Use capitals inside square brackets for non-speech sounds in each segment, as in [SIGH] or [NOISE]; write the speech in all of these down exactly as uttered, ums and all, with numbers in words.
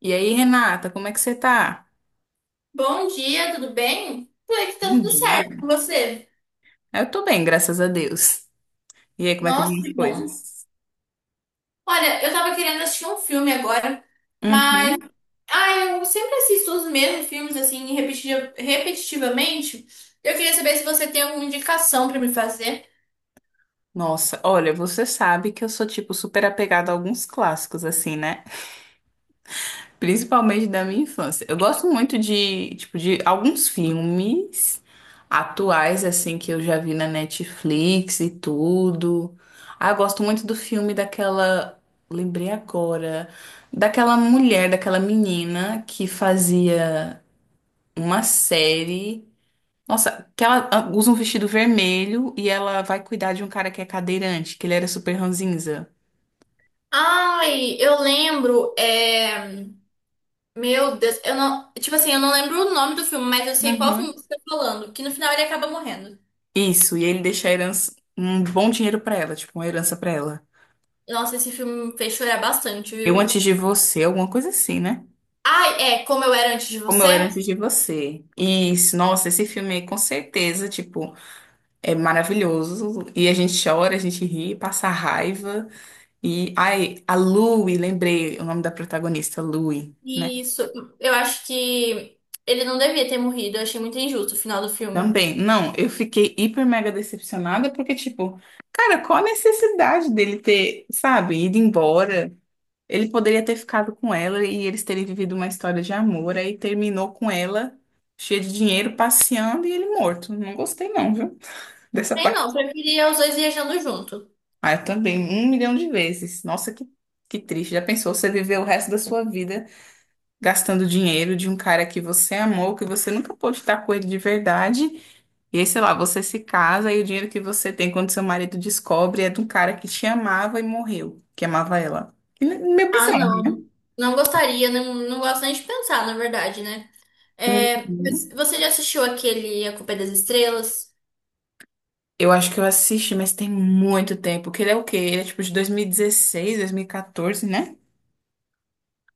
E aí, Renata, como é que você tá? Bom dia, tudo bem? Por aqui tá Bom tudo certo dia. com você? Eu tô bem, graças a Deus. E aí, como é que vão Nossa, as que bom. coisas? Olha, eu tava querendo assistir um filme agora, mas Uhum. ah, eu sempre assisto os mesmos filmes assim repetiti- repetitivamente. Eu queria saber se você tem alguma indicação pra me fazer. Nossa, olha, você sabe que eu sou, tipo, super apegada a alguns clássicos, assim, né? Principalmente da minha infância. Eu gosto muito de, tipo, de alguns filmes atuais, assim, que eu já vi na Netflix e tudo. Ah, eu gosto muito do filme daquela. Lembrei agora. Daquela mulher, daquela menina que fazia. uma série. Nossa, que ela ah, usa um vestido vermelho e ela vai cuidar de um cara que é cadeirante, que ele era super ranzinza. Ai, eu lembro, é... Meu Deus, eu não, tipo assim, eu não lembro o nome do filme, mas eu sei qual filme Uhum. você tá falando, que no final ele acaba morrendo. Isso, e ele deixa a herança, um bom dinheiro pra ela, tipo, uma herança pra ela. Nossa, esse filme me fez chorar bastante, Eu viu? antes de você, alguma coisa assim, né? Ai, é Como Eu Era Antes de Como Você? Eu Era Antes de Você. Isso, nossa, esse filme aí, com certeza, tipo, é maravilhoso. E a gente chora, a gente ri, passa raiva. E, ai, a Louie, lembrei o nome da protagonista, Louie. né? Isso, eu acho que ele não devia ter morrido, eu achei muito injusto o final do filme. Também, não, eu fiquei hiper mega decepcionada porque, tipo, cara, qual a necessidade dele ter, sabe, ido embora? Ele poderia ter ficado com ela e eles terem vivido uma história de amor, aí terminou com ela, cheia de dinheiro, passeando e ele morto. Não gostei, não, viu? [LAUGHS] Dessa Nem parte. não, preferia os dois viajando junto. Ah, eu também, um milhão de vezes. Nossa, que, que triste. Já pensou você viver o resto da sua vida? Gastando dinheiro de um cara que você amou, que você nunca pôde estar com ele de verdade. E aí, sei lá, você se casa e o dinheiro que você tem quando seu marido descobre é de um cara que te amava e morreu, que amava ela. E ne- Meio Ah, bizarro. não. Não gostaria, não, não gosto nem de pensar, na verdade, né? É, mas Uhum. você já assistiu aquele A Culpa é das Estrelas? Eu acho que eu assisti, mas tem muito tempo. Que ele é o quê? Ele é tipo de dois dois mil mil e dezesseis dois mil e dois mil e quatorze, né?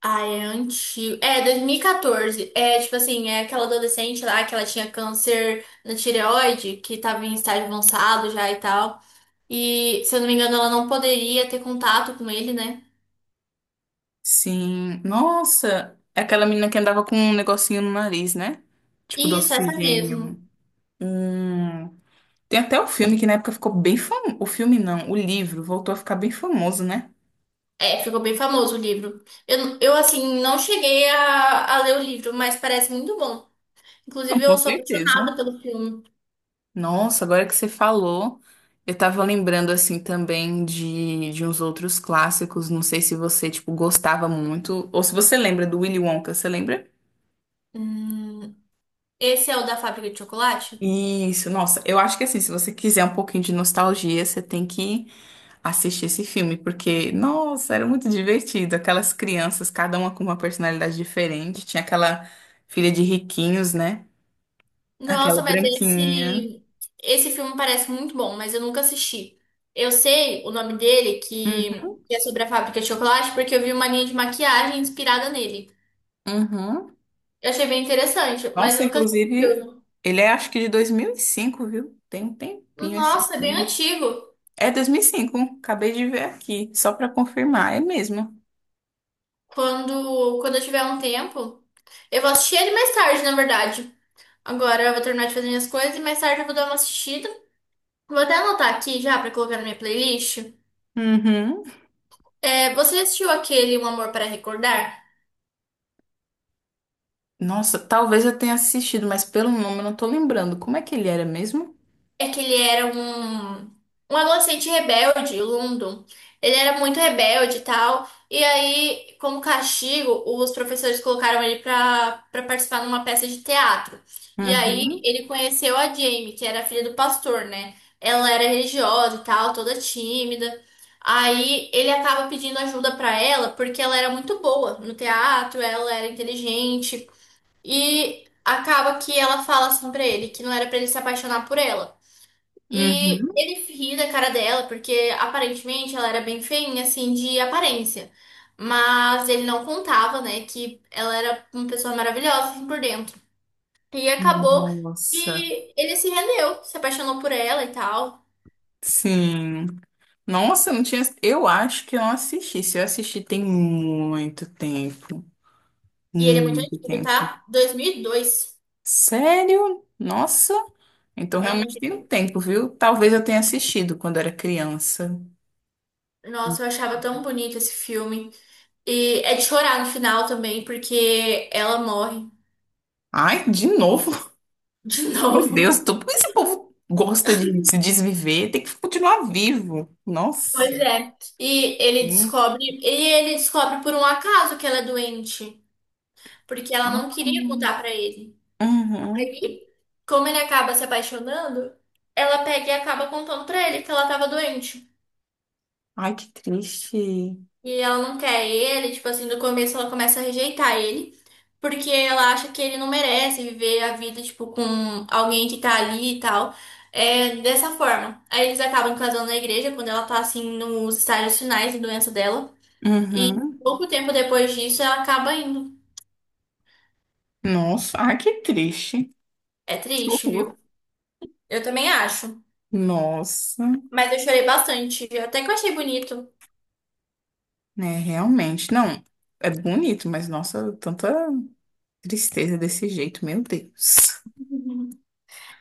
Ah, é antigo. É, dois mil e quatorze. É, tipo assim, é aquela adolescente lá que ela tinha câncer na tireoide, que tava em estágio avançado já e tal. E, se eu não me engano, ela não poderia ter contato com ele, né? Sim. Nossa, é aquela menina que andava com um negocinho no nariz, né? Tipo do Isso, essa mesmo. oxigênio. Hum. Tem até um filme que na época ficou bem famoso. O filme não, o livro voltou a ficar bem famoso, né? É, ficou bem famoso o livro. Eu, eu assim, não cheguei a, a ler o livro, mas parece muito bom. Não, Inclusive, com eu sou certeza. apaixonada pelo filme. Nossa, agora que você falou, eu tava lembrando assim também de, de uns outros clássicos. Não sei se você, tipo, gostava muito. Ou se você lembra do Willy Wonka, você lembra? Hum, esse é o da Fábrica de Chocolate? Isso, nossa, eu acho que assim, se você quiser um pouquinho de nostalgia, você tem que assistir esse filme, porque, nossa, era muito divertido. Aquelas crianças, cada uma com uma personalidade diferente. Tinha aquela filha de riquinhos, né? Aquela Nossa, mas branquinha. esse, esse filme parece muito bom, mas eu nunca assisti. Eu sei o nome dele, Uhum. que que é sobre a Fábrica de Chocolate, porque eu vi uma linha de maquiagem inspirada nele. Uhum. Eu achei bem interessante, mas Nossa, eu nunca assisti o inclusive, filme. ele é acho que de dois mil e cinco viu? Tem um tempinho esse Nossa, é bem filme. antigo. É dois mil e cinco acabei de ver aqui, só pra confirmar, é mesmo. Quando, quando eu tiver um tempo, eu vou assistir ele mais tarde, na verdade. Agora eu vou terminar de fazer minhas coisas e mais tarde eu vou dar uma assistida. Vou até anotar aqui já pra colocar na minha playlist. Uhum. É, você já assistiu aquele Um Amor para Recordar? Nossa, talvez eu tenha assistido, mas pelo nome eu não tô lembrando. Como é que ele era mesmo? É que ele era um, um adolescente rebelde, o London. Ele era muito rebelde e tal. E aí, como castigo, os professores colocaram ele pra, pra participar numa peça de teatro. E aí, Uhum. ele conheceu a Jamie, que era a filha do pastor, né? Ela era religiosa e tal, toda tímida. Aí ele acaba pedindo ajuda pra ela porque ela era muito boa no teatro, ela era inteligente e acaba que ela fala assim pra ele que não era pra ele se apaixonar por ela. E Uhum. ele ri da cara dela, porque aparentemente ela era bem feinha, assim, de aparência. Mas ele não contava, né, que ela era uma pessoa maravilhosa, assim, por dentro. E acabou Nossa, que ele se rendeu, se apaixonou por ela e tal. sim. Nossa, eu não tinha. Eu acho que eu não assisti. Se eu assisti, tem muito tempo. E ele é muito Muito antigo, tempo. tá? dois mil e dois. Sério? Nossa. Então É muito realmente tem um antigo. tempo, viu? Talvez eu tenha assistido quando era criança. Nossa, eu achava tão bonito esse filme. E é de chorar no final também, porque ela morre Ai, de novo? de [LAUGHS] [LAUGHS] Meu Deus, novo. tô... por que esse povo gosta de se desviver? Tem que continuar vivo. Pois Nossa. é. E ele Hum. descobre, e ele descobre por um acaso que ela é doente, porque ela não Ah, queria contar pra ele. uhum. Aí, como ele acaba se apaixonando, ela pega e acaba contando pra ele que ela tava doente. Ai, que triste. E ela não quer ele, tipo assim, no começo ela começa a rejeitar ele, porque ela acha que ele não merece viver a vida, tipo, com alguém que tá ali e tal. É dessa forma. Aí eles acabam casando na igreja quando ela tá assim nos estágios finais de doença dela. E Uhum. pouco tempo depois disso ela acaba indo. Nossa, ai, que triste. É Que triste, horror. viu? Eu também acho. Nossa, Mas eu chorei bastante. Até que eu achei bonito. né, realmente. Não, é bonito, mas nossa, tanta tristeza desse jeito, meu Deus. [LAUGHS]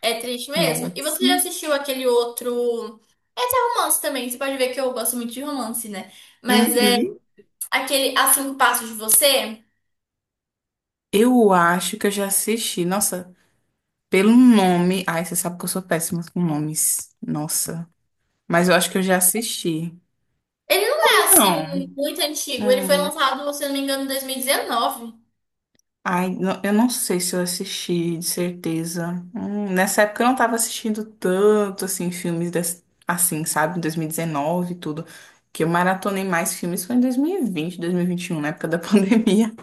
É triste mesmo. E Nossa. você já assistiu aquele outro. Esse é romance também. Você pode ver que eu gosto muito de romance, né? Mas é Uhum. aquele A Cinco Passos de Você. Eu acho que eu já assisti. Nossa, pelo nome. Ai, você sabe que eu sou péssima com nomes. Nossa. Mas eu acho que eu já assisti. Ele não é assim Não. muito antigo. Ele foi Hum. lançado, se eu não me engano, em dois mil e dezenove. Ai, não- eu não sei se eu assisti, de certeza. Hum, nessa época eu não tava assistindo tanto, assim, filmes des- assim, sabe? Em dois mil e dezenove e dezenove e tudo. Que eu maratonei mais filmes foi em dois mil e vinte, dois mil e vinte e um, na época da [LAUGHS] pandemia.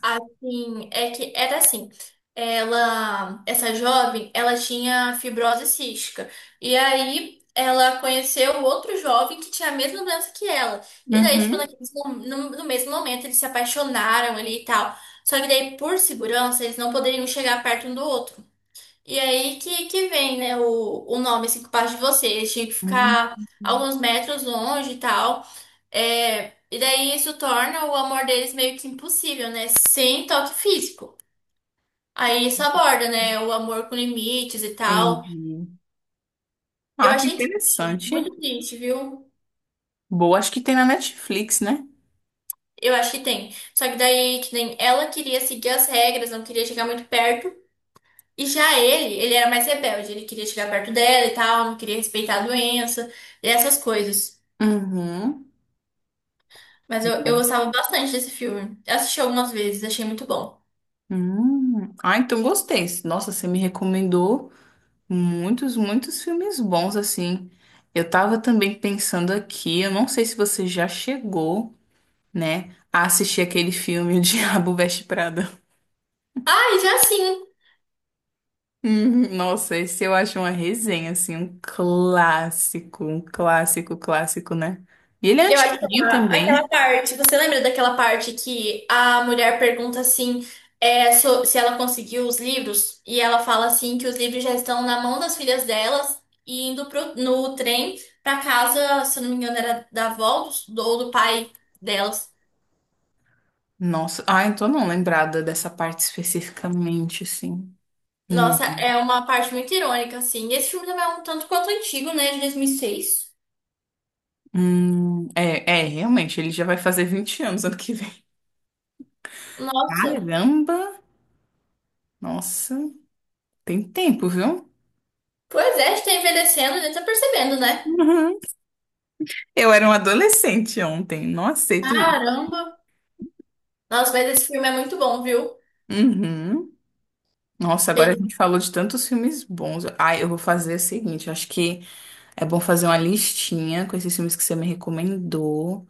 Assim, é que era assim. Ela, essa jovem, ela tinha fibrose cística. E aí ela conheceu outro jovem que tinha a mesma doença que ela. E daí, tipo, Uhum. naqueles mom- no, no mesmo momento, eles se apaixonaram ali e tal. Só que daí, por segurança, eles não poderiam chegar perto um do outro. E aí que, que vem, né, o, o nome, assim, que passa de você. Eles tinham que ficar Hum, alguns metros longe e tal. É, e daí isso torna o amor deles meio que impossível, né? Sem toque físico. Aí isso aborda, né? O amor com limites e tal. Entendi. Eu Ah, que achei triste, interessante. muito triste, viu? Boa, acho que tem na Netflix, né? Eu acho que tem. Só que daí, que nem ela queria seguir as regras, não queria chegar muito perto. E já ele, ele era mais rebelde, ele queria chegar perto dela e tal, não queria respeitar a doença, e essas coisas. Uhum. Mas eu, eu Nossa. gostava bastante desse filme. Eu assisti algumas vezes, achei muito bom. Hum. Ah, então gostei. Nossa, você me recomendou muitos, muitos filmes bons, assim. Eu tava também pensando aqui, eu não sei se você já chegou, né, a assistir aquele filme O Diabo Veste Prada. Ah, e já sim. Hum, Nossa, esse eu acho uma resenha, assim, um clássico, um clássico, clássico, né? E ele é Eu acho que antiguinho aquela, também. aquela parte, você lembra daquela parte que a mulher pergunta assim, é, so- se ela conseguiu os livros, e ela fala assim que os livros já estão na mão das filhas delas e indo pro, no trem pra casa, se eu não me engano, era da avó do- ou do pai delas. Nossa, ah, então não lembrada dessa parte especificamente, assim. Não. Nossa, é uma parte muito irônica, assim. Esse filme também é um tanto quanto antigo, né? De dois mil e seis. Hum, é, é, realmente, ele já vai fazer vinte anos ano que vem. Nossa. Caramba! Nossa, tem tempo, viu? Pois é, a gente tá envelhecendo, a gente tá percebendo, né? Uhum. Eu era um adolescente ontem, não aceito isso. Caramba. Nossa, mas esse filme é muito bom, viu? Uhum. Nossa, agora a gente falou de tantos filmes bons. Ah, eu vou fazer o seguinte, eu acho que é bom fazer uma listinha com esses filmes que você me recomendou.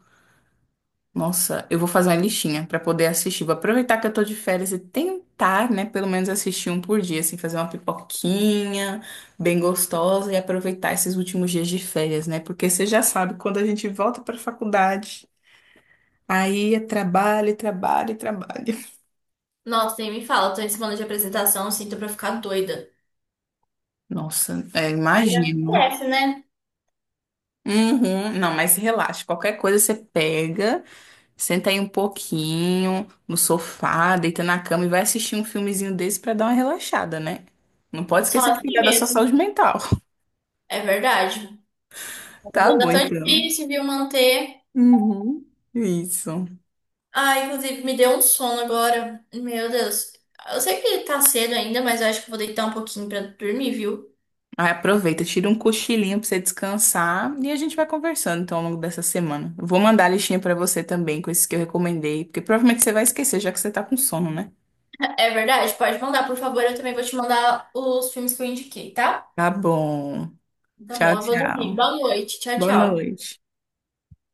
Nossa, eu vou fazer uma listinha pra poder assistir. Vou aproveitar que eu tô de férias e tentar, né, pelo menos assistir um por dia, assim, fazer uma pipoquinha bem gostosa e aproveitar esses últimos dias de férias, né? Porque você já sabe, quando a gente volta pra faculdade, aí é trabalho, trabalho, trabalho. Nossa, nem me fala, tô em semana de apresentação, assim, tô pra ficar doida. Nossa, é, Mas já imagino. conhece, né? Uhum. Não, mas relaxa, qualquer coisa você pega. Senta aí um pouquinho no sofá, deita na cama e vai assistir um filmezinho desse pra dar uma relaxada, né? Não pode Só esquecer de assim cuidar da sua mesmo. saúde mental. [LAUGHS] É verdade. Mas Tá bom, ainda tão então. difícil, viu, manter. Uhum. Isso. Ah, inclusive, me deu um sono agora. Meu Deus. Eu sei que tá cedo ainda, mas eu acho que eu vou deitar um pouquinho pra dormir, viu? Aí aproveita, tira um cochilinho pra você descansar e a gente vai conversando então ao longo dessa semana. Eu vou mandar a listinha pra você também com esses que eu recomendei, porque provavelmente você vai esquecer já que você tá com sono, né? É verdade, pode mandar, por favor. Eu também vou te mandar os filmes que eu indiquei, tá? Tá bom. Tá Tchau, bom, eu vou dormir. tchau. Boa noite. Tchau, Boa tchau. noite.